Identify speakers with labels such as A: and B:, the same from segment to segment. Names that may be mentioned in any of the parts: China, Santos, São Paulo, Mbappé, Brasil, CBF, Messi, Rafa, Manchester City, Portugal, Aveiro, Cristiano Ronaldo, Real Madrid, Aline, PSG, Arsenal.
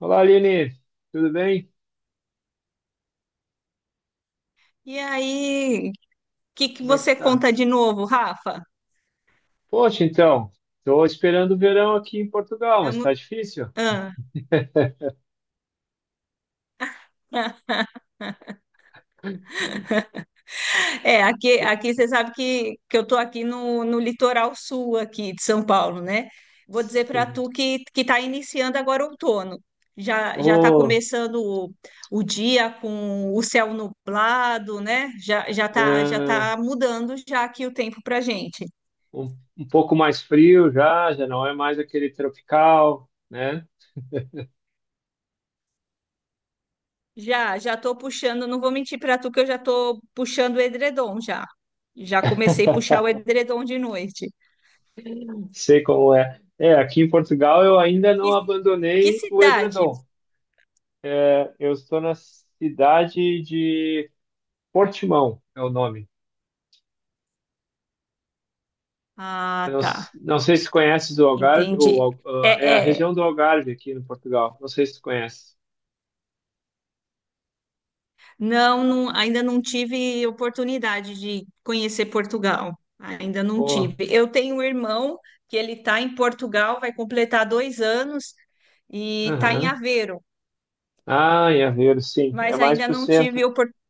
A: Olá, Aline, tudo bem?
B: E aí, o que que
A: Como é que
B: você
A: está?
B: conta de novo, Rafa?
A: Poxa, então, estou esperando o verão aqui em Portugal, mas
B: Vamos-
A: está difícil.
B: ah, é, aqui,
A: E-
B: aqui você sabe que eu tô aqui no litoral sul aqui de São Paulo, né? Vou dizer para
A: Sim.
B: tu que está iniciando agora o outono. Já está
A: Oh,
B: começando o dia com o céu nublado, né? Já já tá já
A: é,
B: tá mudando já aqui o tempo para gente.
A: um pouco mais frio já, já não é mais aquele tropical, né?
B: Já tô puxando, não vou mentir pra tu que eu já tô puxando o edredom já. Já comecei a puxar o edredom de noite.
A: Sei como é. É, aqui em Portugal eu ainda
B: Que,
A: não
B: que
A: abandonei o
B: cidade?
A: edredom. É, eu estou na cidade de Portimão, é o nome. Eu
B: Ah,
A: não,
B: tá,
A: não sei se conheces o Algarve, ou,
B: entendi.
A: É a
B: É,
A: região do Algarve aqui no Portugal. Não sei se tu conhece.
B: não, não, ainda não tive oportunidade de conhecer Portugal. Ainda não
A: Oh,
B: tive. Eu tenho um irmão que ele está em Portugal, vai completar 2 anos e está em
A: aham.
B: Aveiro,
A: Ah, em Aveiro, sim. É
B: mas
A: mais
B: ainda
A: para o
B: não
A: centro.
B: tive oportunidade.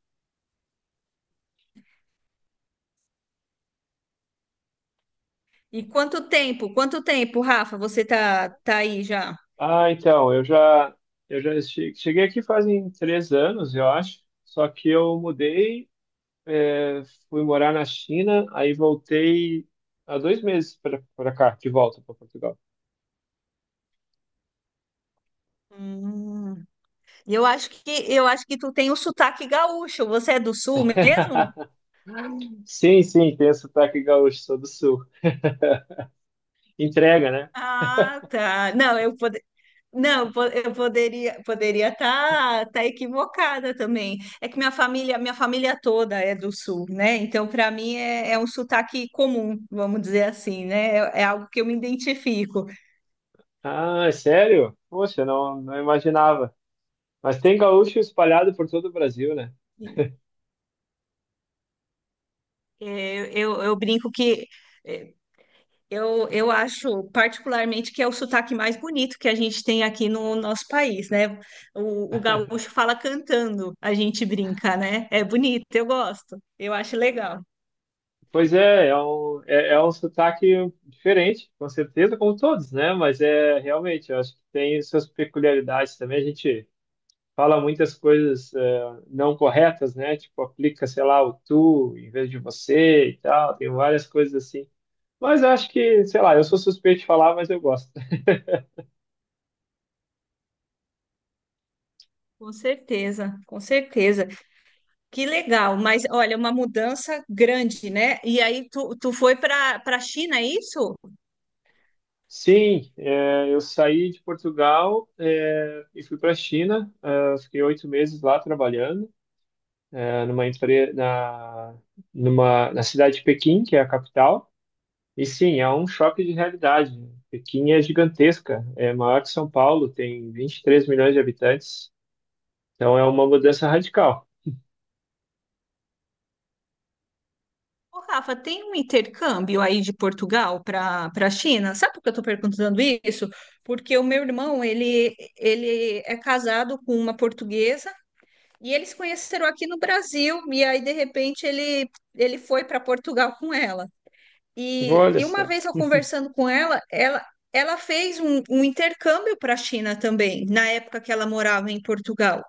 B: E quanto tempo? Quanto tempo, Rafa? Você tá aí já?
A: Ah, então, eu já cheguei aqui fazem 3 anos, eu acho. Só que eu mudei, eh, fui morar na China, aí voltei há 2 meses para cá, de volta para Portugal.
B: Hum. E eu acho que tu tem o sotaque gaúcho. Você é do sul mesmo?
A: Sim, sim, tem o sotaque gaúcho, sou do sul. Entrega, né?
B: Ah, tá. Não, eu pode. Não, eu poderia estar equivocada também. É que minha família toda é do sul, né? Então para mim é um sotaque comum, vamos dizer assim, né? É algo que eu me identifico.
A: Ah, é sério? Poxa, não, não imaginava. Mas tem gaúcho espalhado por todo o Brasil, né?
B: É, eu brinco que eu acho particularmente que é o sotaque mais bonito que a gente tem aqui no nosso país, né? O gaúcho fala cantando, a gente brinca, né? É bonito, eu gosto, eu acho legal.
A: Pois é, é um sotaque diferente, com certeza, como todos, né? Mas é realmente, eu acho que tem suas peculiaridades também. A gente fala muitas coisas não corretas, né? Tipo, aplica, sei lá, o tu em vez de você e tal. Tem várias coisas assim. Mas eu acho que, sei lá, eu sou suspeito de falar, mas eu gosto.
B: Com certeza, com certeza. Que legal, mas olha, uma mudança grande, né? E aí tu foi para a China, é isso?
A: Sim, é, eu saí de Portugal, é, e fui para a China. É, fiquei 8 meses lá trabalhando, é, numa empre- na, numa, na cidade de Pequim, que é a capital. E sim, é um choque de realidade. Pequim é gigantesca, é maior que São Paulo, tem 23 milhões de habitantes. Então é uma mudança radical.
B: Ô, Rafa, tem um intercâmbio aí de Portugal para a China? Sabe por que eu estou perguntando isso? Porque o meu irmão, ele é casado com uma portuguesa e eles se conheceram aqui no Brasil e aí, de repente, ele foi para Portugal com ela. E,
A: Olha
B: e uma
A: só.
B: vez eu conversando com ela, ela, fez um intercâmbio para a China também, na época que ela morava em Portugal.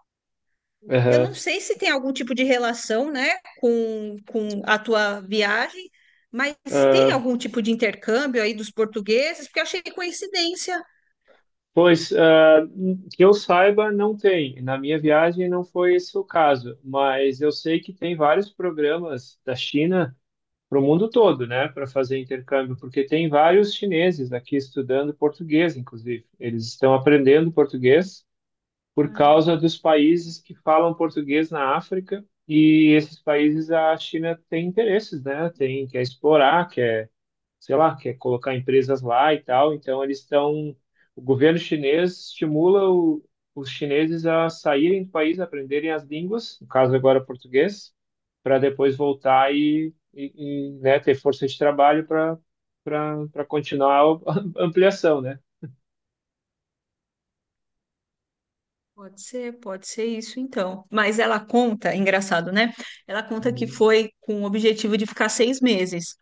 B: Eu
A: Aham.
B: não sei se tem algum tipo de relação, né, com a tua viagem, mas tem
A: Ah,
B: algum tipo de intercâmbio aí dos portugueses, porque eu achei coincidência.
A: pois, ah, que eu saiba, não tem. Na minha viagem não foi esse o caso, mas eu sei que tem vários programas da China para o mundo todo, né, para fazer intercâmbio, porque tem vários chineses aqui estudando português, inclusive. Eles estão aprendendo português por causa dos países que falam português na África, e esses países a China tem interesses, né, tem, quer explorar, quer sei lá, quer colocar empresas lá e tal. Então, eles estão. O governo chinês estimula o, os chineses a saírem do país, aprenderem as línguas, no caso agora português, para depois voltar e, né, ter força de trabalho para para continuar a ampliação, né?
B: Pode ser isso então. Mas ela conta, é engraçado, né? Ela conta que
A: Uhum.
B: foi com o objetivo de ficar 6 meses.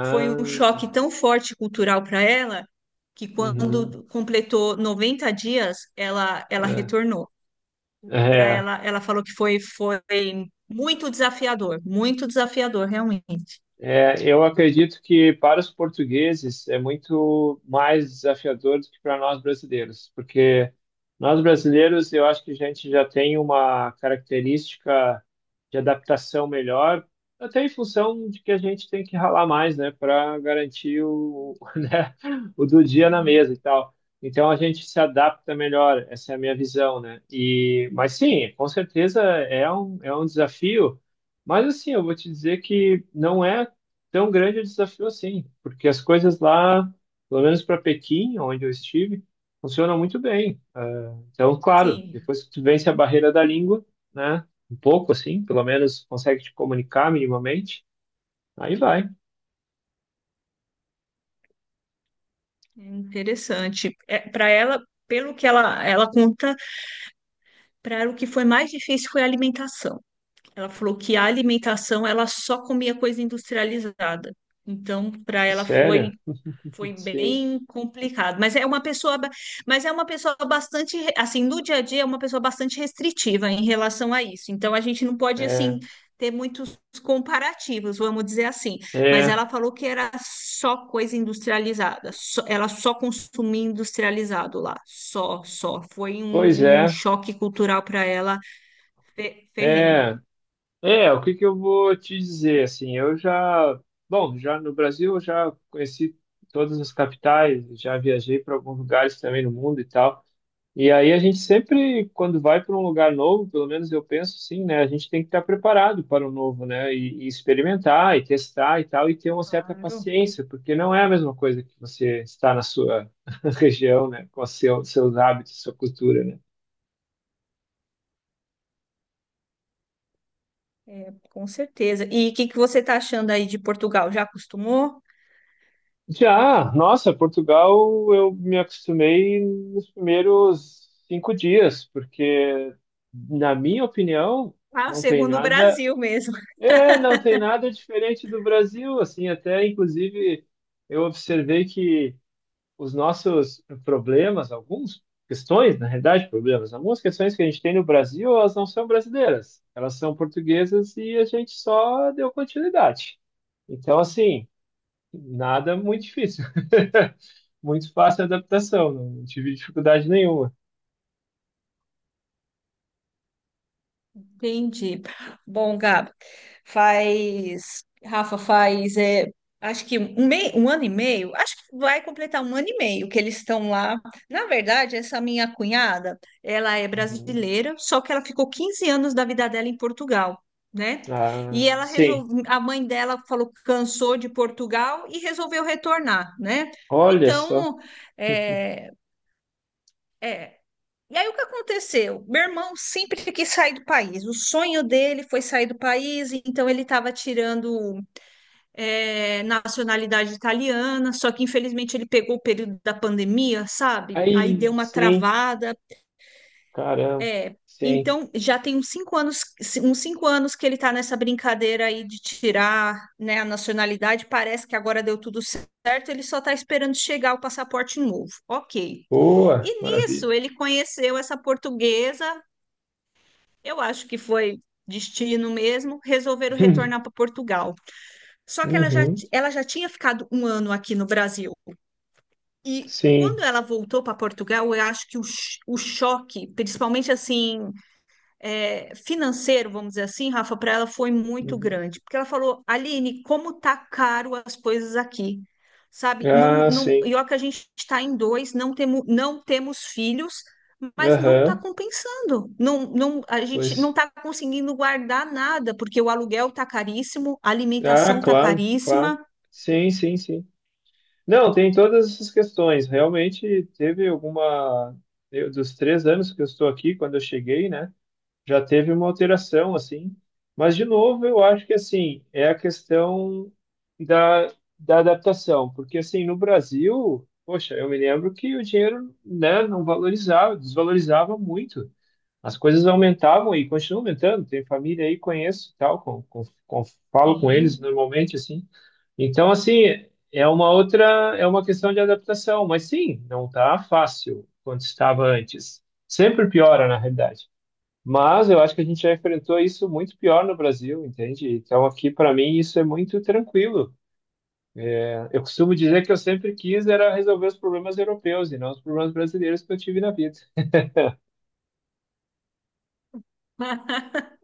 B: Foi um choque tão forte cultural para ela que
A: uhum.
B: quando completou 90 dias, ela
A: É,
B: retornou. Para
A: é,
B: ela, ela falou que foi muito desafiador, realmente.
A: É, eu acredito que para os portugueses é muito mais desafiador do que para nós brasileiros, porque nós brasileiros eu acho que a gente já tem uma característica de adaptação melhor, até em função de que a gente tem que ralar mais, né, para garantir o, né, o do dia na
B: Sim,
A: mesa e tal. Então a gente se adapta melhor, essa é a minha visão, né? E, mas sim, com certeza é um desafio. Mas assim, eu vou te dizer que não é tão grande é o desafio assim, porque as coisas lá, pelo menos para Pequim, onde eu estive, funcionam muito bem. Então, claro,
B: sim,
A: depois que tu vence a barreira da língua, né? Um pouco assim, pelo menos consegue te comunicar minimamente, aí vai.
B: é interessante. É, para ela, pelo que ela conta, para ela o que foi mais difícil foi a alimentação. Ela falou que a alimentação ela só comia coisa industrializada. Então, para
A: É
B: ela foi
A: sério,
B: Foi
A: sim.
B: bem complicado, mas é uma pessoa bastante, assim, no dia a dia é uma pessoa bastante restritiva em relação a isso. Então a gente não pode
A: É,
B: assim ter muitos comparativos, vamos dizer assim. Mas
A: é,
B: ela falou que era só coisa industrializada, ela só consumia industrializado lá, só, só. Foi
A: pois
B: um
A: é,
B: choque cultural para ela ferrenho.
A: é, é, o que que eu vou te dizer, assim, bom, já no Brasil eu já conheci todas as capitais, já viajei para alguns lugares também no mundo e tal. E aí a gente sempre, quando vai para um lugar novo, pelo menos eu penso assim, né? A gente tem que estar preparado para o novo, né? E experimentar, e testar e tal, e ter uma certa
B: Claro,
A: paciência, porque não é a mesma coisa que você está na sua região, né? Com seu, seus hábitos, sua cultura, né?
B: é, com certeza. E o que que você está achando aí de Portugal? Já acostumou?
A: Já, nossa, Portugal, eu me acostumei nos primeiros 5 dias, porque, na minha opinião,
B: Ah, o
A: não tem
B: segundo
A: nada
B: Brasil mesmo.
A: é, não tem nada diferente do Brasil, assim, até inclusive eu observei que os nossos problemas, algumas questões, na realidade, problemas, algumas questões que a gente tem no Brasil, elas não são brasileiras, elas são portuguesas e a gente só deu continuidade. Então, assim, nada muito difícil. Muito fácil a adaptação, não tive dificuldade nenhuma.
B: Entendi. Bom, Gabi, faz. Rafa, faz. É, acho que um ano e meio. Acho que vai completar um ano e meio que eles estão lá. Na verdade, essa minha cunhada, ela é
A: Uhum.
B: brasileira, só que ela ficou 15 anos da vida dela em Portugal, né? E
A: Ah,
B: ela
A: sim,
B: resolveu. A mãe dela falou que cansou de Portugal e resolveu retornar, né?
A: olha só.
B: Então, é, é, e aí o que aconteceu? Meu irmão sempre quis sair do país. O sonho dele foi sair do país, então ele estava tirando nacionalidade italiana, só que infelizmente ele pegou o período da pandemia, sabe? Aí
A: Aí,
B: deu uma
A: sim,
B: travada.
A: caramba,
B: É.
A: sim.
B: Então já tem uns 5 anos, uns 5 anos que ele está nessa brincadeira aí de tirar, né, a nacionalidade. Parece que agora deu tudo certo, ele só está esperando chegar o passaporte novo. Ok.
A: Boa,
B: E nisso
A: maravilha.
B: ele conheceu essa portuguesa. Eu acho que foi destino mesmo, resolveram retornar para Portugal. Só que ela já,
A: Uhum,
B: ti- ela já tinha ficado um ano aqui no Brasil. E quando
A: sim.
B: ela voltou para Portugal, eu acho que o choque, principalmente assim, é, financeiro, vamos dizer assim, Rafa, para ela foi muito
A: Uhum.
B: grande. Porque ela falou, Aline, como tá caro as coisas aqui, sabe? Não,
A: Ah,
B: não,
A: sim.
B: e ó que a gente está em dois, não temos filhos, mas não está
A: Aham,
B: compensando. Não, não, a gente não
A: pois.
B: está conseguindo guardar nada, porque o aluguel tá caríssimo, a
A: Ah,
B: alimentação tá
A: claro, claro.
B: caríssima.
A: Sim, sim, sim. Não, tem todas essas questões. Realmente teve alguma. Dos 3 anos que eu estou aqui, quando eu cheguei, né? Já teve uma alteração assim, mas de novo eu acho que assim é a questão da, da adaptação, porque assim no Brasil, poxa, eu me lembro que o dinheiro, né, não valorizava, desvalorizava muito. As coisas aumentavam e continuam aumentando. Tem família aí, conheço, e tal, falo com eles
B: Sim.
A: normalmente assim. Então assim, é uma outra, é uma questão de adaptação, mas sim, não tá fácil quanto estava antes. Sempre piora, na realidade. Mas eu acho que a gente já enfrentou isso muito pior no Brasil, entende? Então aqui para mim isso é muito tranquilo. Eu costumo dizer que eu sempre quis era resolver os problemas europeus e não os problemas brasileiros que eu tive na vida,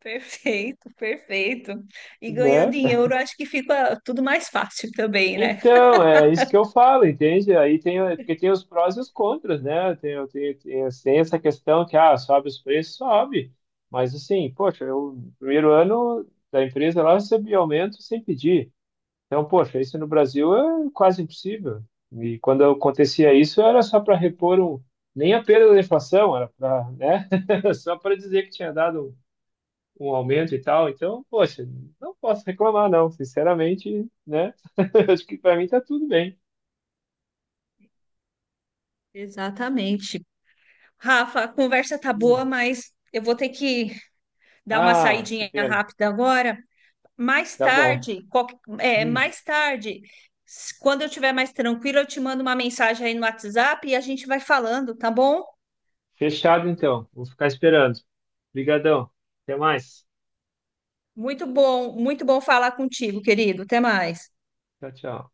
B: Perfeito, perfeito. E ganhando
A: né?
B: em euro, acho que fica tudo mais fácil também, né?
A: Então, é isso que eu falo, entende? Aí tem, porque tem os prós e os contras, né? Tem essa questão que, ah, sobe os preços, sobe. Mas assim, poxa, eu, no primeiro ano da empresa lá eu recebi aumento sem pedir. Então, poxa, isso no Brasil é quase impossível. E quando acontecia isso, era só para repor nem a perda da inflação, era para, né? Só para dizer que tinha dado um aumento e tal. Então, poxa, não posso reclamar, não. Sinceramente, né? Acho que para mim tá tudo bem.
B: Exatamente. Rafa, a conversa tá
A: Hum.
B: boa, mas eu vou ter que dar uma
A: Ah, que
B: saidinha
A: pena.
B: rápida agora. Mais
A: Tá bom.
B: tarde, qualque- é,
A: Hum.
B: mais tarde, quando eu estiver mais tranquila, eu te mando uma mensagem aí no WhatsApp e a gente vai falando, tá bom?
A: Fechado, então. Vou ficar esperando. Obrigadão. Até mais.
B: Muito bom, muito bom falar contigo, querido. Até mais.
A: Tchau, tchau.